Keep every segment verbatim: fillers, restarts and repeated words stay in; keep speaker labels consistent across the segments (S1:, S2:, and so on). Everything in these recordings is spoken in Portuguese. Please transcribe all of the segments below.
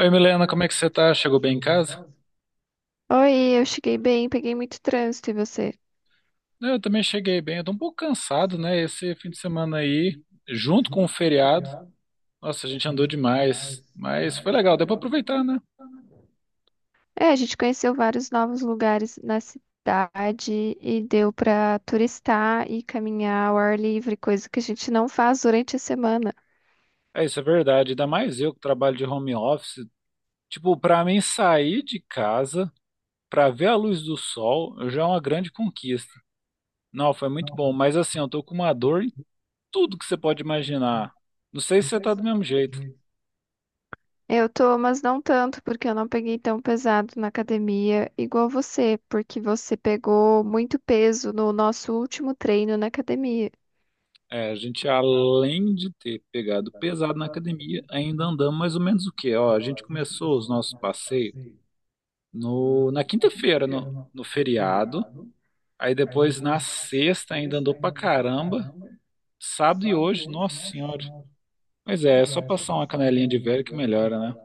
S1: Oi, Milena, como é que você tá? Chegou bem em casa?
S2: Oi, eu cheguei bem, peguei muito trânsito e você?
S1: Eu também cheguei bem. Eu tô um pouco cansado, né? Esse fim de semana aí, junto com o feriado. Nossa, a gente andou demais, mas foi legal, deu pra aproveitar, né?
S2: É, a gente conheceu vários novos lugares na cidade e deu pra turistar e caminhar ao ar livre, coisa que a gente não faz durante a semana.
S1: É, isso é verdade. Ainda mais eu que trabalho de home office. Tipo, pra mim sair de casa pra ver a luz do sol já é uma grande conquista. Não, foi muito bom, mas assim, eu tô com uma dor em tudo que você pode imaginar. Não sei se você tá do mesmo jeito.
S2: Eu tô, mas não tanto, porque eu não peguei tão pesado na academia igual você, porque você pegou muito peso no nosso último treino na academia.
S1: É, a gente, além de ter pegado pesado na academia, ainda andamos mais ou menos o quê? Ó, a gente começou os nossos passeios no, na quinta-feira, no, no feriado. Aí depois, na sexta, ainda andou pra caramba. Sábado e hoje, nossa senhora. Mas é, é só passar uma canelinha de velho que melhora, né?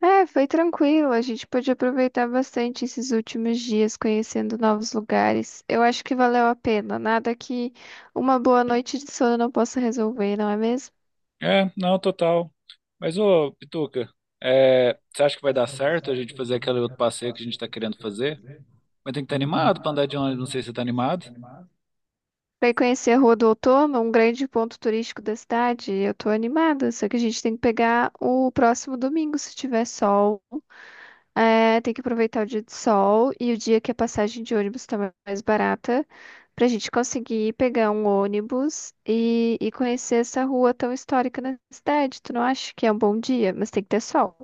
S2: É, foi tranquilo. A gente pôde aproveitar bastante esses últimos dias conhecendo novos lugares. Eu acho que valeu a pena. Nada que uma boa noite de sono não possa resolver, não é mesmo?
S1: É, não, total. Mas, ô, Pituca, é, você acha que vai dar certo a gente fazer aquele outro passeio que a gente tá querendo fazer? Mas tem que estar animado pra andar de ônibus, não sei se você tá animado.
S2: Vai conhecer a Rua do Outono, um grande ponto turístico da cidade. Eu tô animada, só que a gente tem que pegar o próximo domingo, se tiver sol. É, tem que aproveitar o dia de sol e o dia que a passagem de ônibus tá ma- mais barata, pra gente conseguir pegar um ônibus e, e conhecer essa rua tão histórica na cidade. Tu não acha que é um bom dia? Mas tem que ter sol.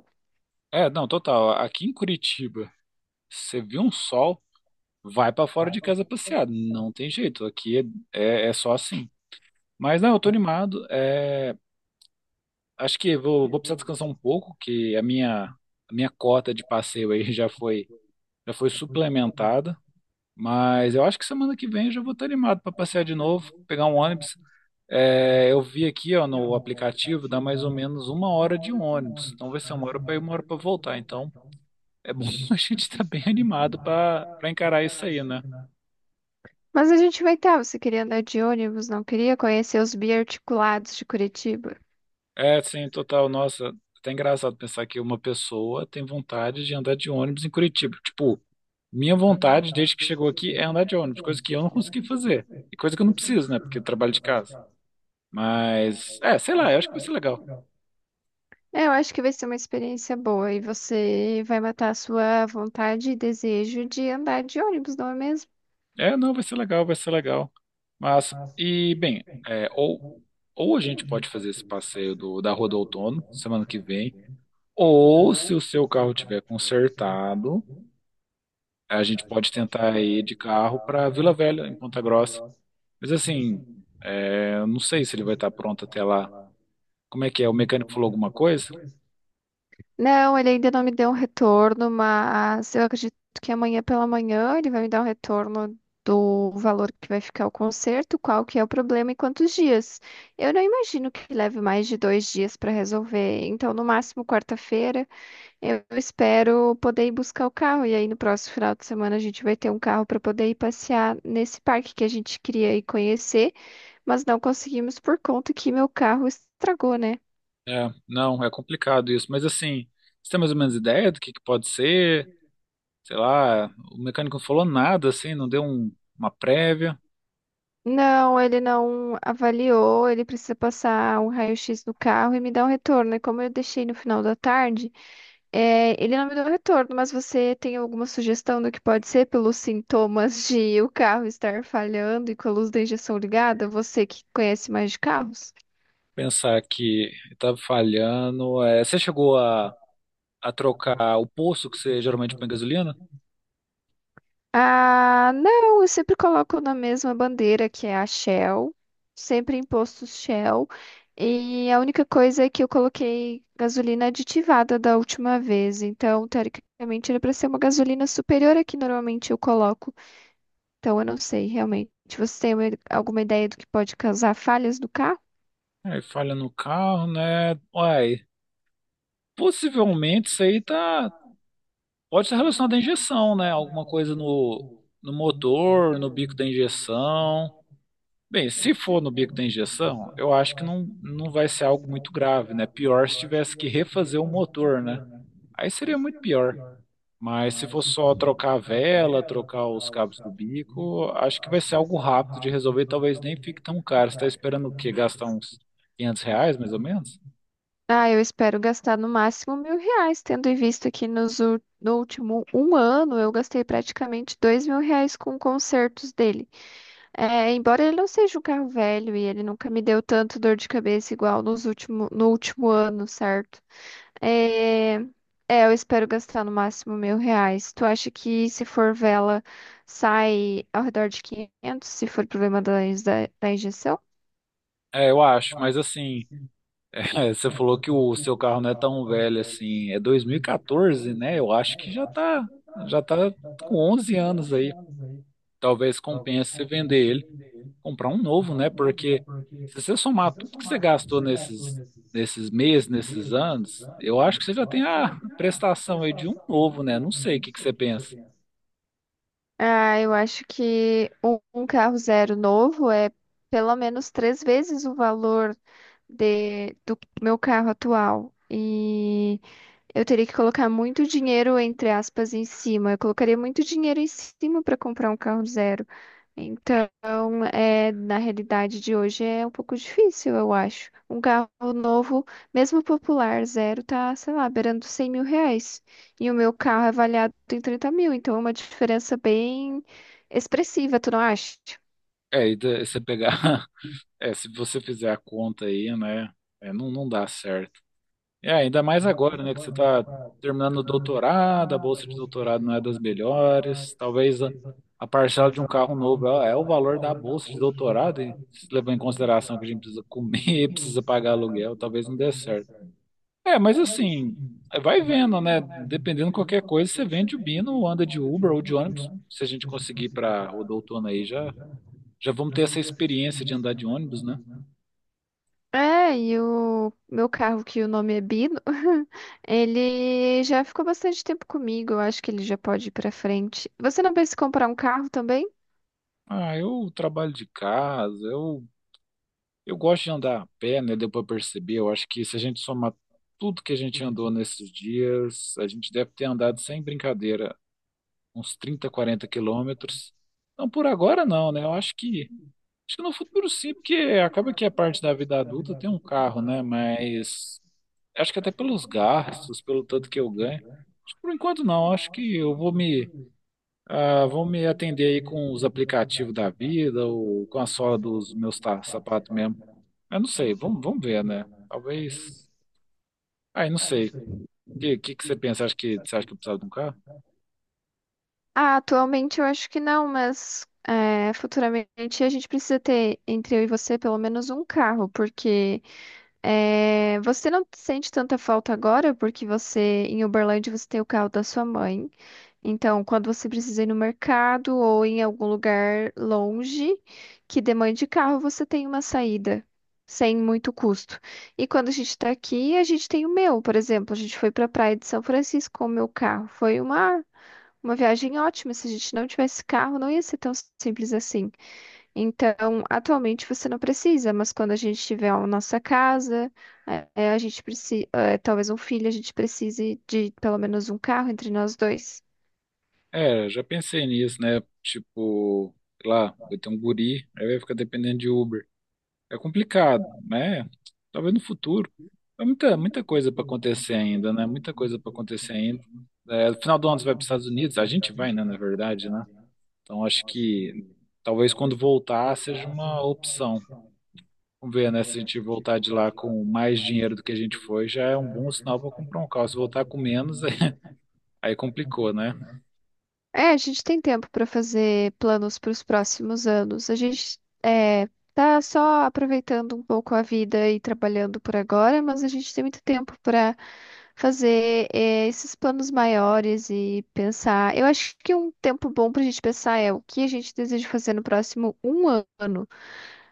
S1: É, não, total. Aqui em Curitiba. Você viu um sol, vai pra fora de casa passear. Não tem jeito, aqui é, é, é só assim. Mas não, eu tô animado. É, acho que vou, vou precisar descansar um pouco, que a minha, a minha cota de passeio aí já foi, já foi suplementada. Mas eu acho que semana que vem eu já vou estar animado pra passear de novo, pegar um ônibus. É, eu vi aqui, ó, no aplicativo, dá mais ou menos uma hora de ônibus. Então vai ser uma hora pra ir, uma hora pra voltar. Então é bom a gente estar bem animado pra para encarar isso aí, né?
S2: Mas a gente vai estar. Você queria andar de ônibus, não queria conhecer os biarticulados de Curitiba?
S1: É, sim, total. Nossa, até engraçado pensar que uma pessoa tem vontade de andar de ônibus em Curitiba. Tipo, minha vontade desde que chegou aqui é andar de ônibus, coisa que eu não consegui fazer. E coisa que eu não preciso, né? Porque eu trabalho de casa. Mas, é, sei lá, eu acho que vai ser legal.
S2: É, eu acho que vai ser uma experiência boa e você vai matar a sua vontade e desejo de andar de ônibus, não é mesmo?
S1: É, não, vai ser legal, vai ser legal. Mas, e, bem, é, ou, ou a gente pode fazer esse passeio do, da Rua do Outono semana que vem, ou se o seu carro tiver consertado, a gente pode tentar ir de carro para Vila Velha, em Ponta Grossa. Mas assim, é, eu não sei se ele vai estar pronto até lá. Como é que é? O mecânico falou alguma coisa?
S2: Não, ele ainda não me deu um retorno, mas eu acredito que amanhã pela manhã ele vai me dar um retorno do valor que vai ficar o conserto, qual que é o problema e quantos dias. Eu não imagino que leve mais de dois dias para resolver, então no máximo quarta-feira eu espero poder ir buscar o carro e aí no próximo final de semana a gente vai ter um carro para poder ir passear nesse parque que a gente queria ir conhecer, mas não conseguimos por conta que meu carro estragou, né?
S1: É, não, é complicado isso. Mas assim, você tem mais ou menos ideia do que que pode ser? Sei lá, o mecânico não falou nada, assim, não deu um- uma prévia.
S2: Não, ele não avaliou, ele precisa passar um raio-x do carro e me dar um retorno. E como eu deixei no final da tarde, é, ele não me deu retorno, mas você tem alguma sugestão do que pode ser pelos sintomas de o carro estar falhando e com a luz da injeção ligada? Você que conhece mais de carros?
S1: Pensar que estava falhando. É, você chegou a, a trocar o poço que você geralmente põe gasolina?
S2: Ah, não, eu sempre coloco na mesma bandeira que é a Shell, sempre em postos Shell. E a única coisa é que eu coloquei gasolina aditivada da última vez, então teoricamente era para ser uma gasolina superior à que normalmente eu coloco. Então eu não sei realmente. Você tem uma- alguma ideia do que pode causar falhas no carro?
S1: Aí falha no carro, né? Uai, possivelmente isso aí tá. Pode ser relacionado à injeção, né? Alguma coisa no, no motor, no bico da injeção. Bem, se for no bico da injeção, eu acho que não, não vai ser algo muito grave, né? Pior se tivesse que refazer o motor, né? Aí seria muito pior. Mas se for só trocar a vela, trocar os cabos do bico, acho que vai ser algo rápido de resolver. Talvez nem fique tão caro. Você está esperando o quê? Gastar uns quinhentos reais, mais ou menos?
S2: Ah, eu espero gastar no máximo mil reais, tendo em vista que nos, ul- no último um ano eu gastei praticamente dois mil reais com concertos dele. É, embora ele não seja um carro velho e ele nunca me deu tanto dor de cabeça igual nos último, no último ano, certo? É, é, eu espero gastar no máximo mil reais. Tu acha que se for vela sai ao redor de quinhentos? Se for problema da, da, da injeção?
S1: É, eu acho. Mas assim. É, você falou que o seu carro não é tão velho assim, é dois mil e quatorze, né? Eu acho que já tá, já tá com onze anos aí. Talvez compense você vender ele, comprar um novo, né? Porque se você somar tudo que você gastou nesses, nesses meses, nesses anos, eu acho que você já tem a prestação aí de um novo, né? Não sei o que que você pensa.
S2: Ah, eu acho que um um carro zero novo é pelo menos três vezes o valor de, do meu carro atual. E eu teria que colocar muito dinheiro, entre aspas, em cima. Eu colocaria muito dinheiro em cima para comprar um carro zero. Então, é, na realidade de hoje é um pouco difícil, eu acho. Um carro novo, mesmo popular, zero, tá, sei lá, beirando cem mil reais. E o meu carro é avaliado em trinta mil, então é uma diferença bem expressiva, tu não acha?
S1: É, e da- você pegar, é, se você fizer a conta aí, né? É, não, não dá certo. É, ainda mais agora, né, que você está terminando o doutorado, a bolsa de doutorado não é das melhores, talvez a, a, parcela de um carro novo é, é o valor da bolsa de doutorado, e se levar em consideração que a gente precisa comer, precisa pagar aluguel, talvez não dê certo. É, mas assim, vai vendo, né, dependendo de qualquer coisa, você vende o Bino, ou anda de Uber ou de ônibus, se a gente conseguir para o outono aí, já, já vamos ter essa experiência de andar de ônibus, né?
S2: É, e o meu carro, que o nome é Bino, ele já ficou bastante tempo comigo, eu acho que ele já pode ir pra frente. Você não pensa em comprar um carro também?
S1: Ah, eu trabalho de casa, eu Eu gosto de andar a pé, né? Deu para perceber. Eu acho que se a gente somar tudo que a gente andou nesses dias, a gente deve ter andado sem brincadeira uns trinta quarenta quilômetros. Não por agora, não, né? Eu acho que acho que no futuro sim, porque acaba que a parte da vida adulta tem um carro, né? Mas acho que até pelos gastos, pelo tanto que eu ganho, acho que por enquanto não. Acho que eu vou me ah, vou me atender aí com os aplicativos da vida ou com a sola dos meus ta- sapatos mesmo. Eu não sei, vamos, vamos ver, né? Talvez. Ai, não sei. O que, que, que você pensa? Acho que, você acha que eu precisava de um carro?
S2: Ah, atualmente eu acho que não, mas é, futuramente a gente precisa ter, entre eu e você, pelo menos um carro, porque é, você não sente tanta falta agora, porque você, em Uberlândia, você tem o carro da sua mãe. Então, quando você precisa ir no mercado ou em algum lugar longe que demande carro, você tem uma saída sem muito custo. E quando a gente está aqui, a gente tem o meu, por exemplo, a gente foi para a praia de São Francisco com o meu carro. Foi uma uma viagem ótima. Se a gente não tivesse carro, não ia ser tão simples assim. Então, atualmente você não precisa, mas quando a gente tiver a nossa casa, é, é, a gente precisa, talvez um filho, a gente precise de pelo menos um carro entre nós dois.
S1: É, já pensei nisso, né? Tipo, sei lá, vai ter um guri, aí vai ficar dependendo de Uber. É complicado, né? Talvez no futuro. É muita, muita coisa para acontecer ainda, né? Muita coisa para acontecer ainda. É, no final do ano você vai para os Estados Unidos, a gente vai, né? Na verdade, né? Então acho que talvez quando voltar seja uma opção. Vamos ver, né? Se a gente voltar de lá com mais dinheiro do que a gente foi, já é um bom sinal para comprar um carro. Se voltar com menos, aí aí complicou, né?
S2: É, a gente tem tempo para fazer planos para os próximos anos. A gente é, tá só aproveitando um pouco a vida e trabalhando por agora, mas a gente tem muito tempo para fazer é, esses planos maiores e pensar. Eu acho que um tempo bom para a gente pensar é o que a gente deseja fazer no próximo um ano,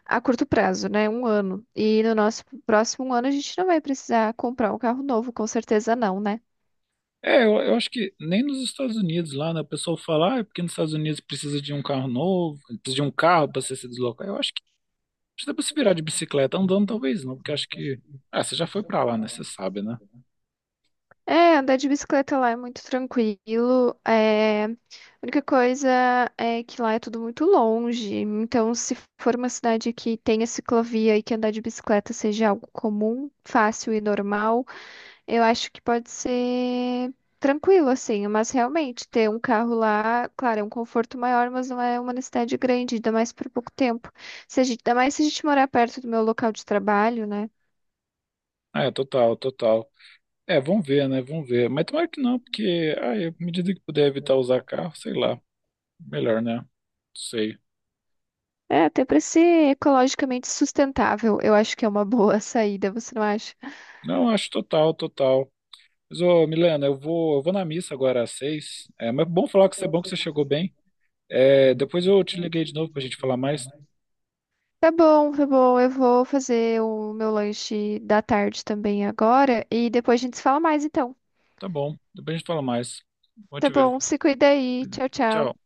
S2: a curto prazo, né? Um ano. E no nosso próximo ano a gente não vai precisar comprar um carro novo, com certeza não, né?
S1: É, eu, eu acho que nem nos Estados Unidos lá, né? O pessoal fala, ah, é porque nos Estados Unidos precisa de um carro novo, precisa de um carro para você se deslocar. Eu acho que precisa para se virar de bicicleta andando, talvez não, porque eu acho que. Ah, você já foi para lá, né? Você sabe, né?
S2: É, andar de bicicleta lá é muito tranquilo. É. A única coisa é que lá é tudo muito longe. Então, se for uma cidade que tenha ciclovia e que andar de bicicleta seja algo comum, fácil e normal, eu acho que pode ser tranquilo, assim. Mas realmente, ter um carro lá, claro, é um conforto maior, mas não é uma necessidade grande, ainda mais por pouco tempo. Se a gente. Ainda mais se a gente morar perto do meu local de trabalho, né?
S1: Ah, é, total, total. É, vamos ver, né? Vamos ver. Mas tomara que não, porque, ah, é, à medida que puder evitar usar carro, sei lá, melhor, né? Sei.
S2: É, até para ser ecologicamente sustentável, eu acho que é uma boa saída, você não acha?
S1: Não, acho total, total. Mas, ô, Milena, eu vou, eu vou na missa agora às seis. É, mas é bom falar que você é bom que você chegou bem. É, depois eu te liguei de novo pra gente falar mais.
S2: Tá bom, tá bom, eu vou fazer o meu lanche da tarde também agora e depois a gente se fala mais então.
S1: Tá bom, depois a gente fala mais. Bom
S2: Tá
S1: te ver.
S2: bom, se cuida aí. Tchau, tchau.
S1: Tchau.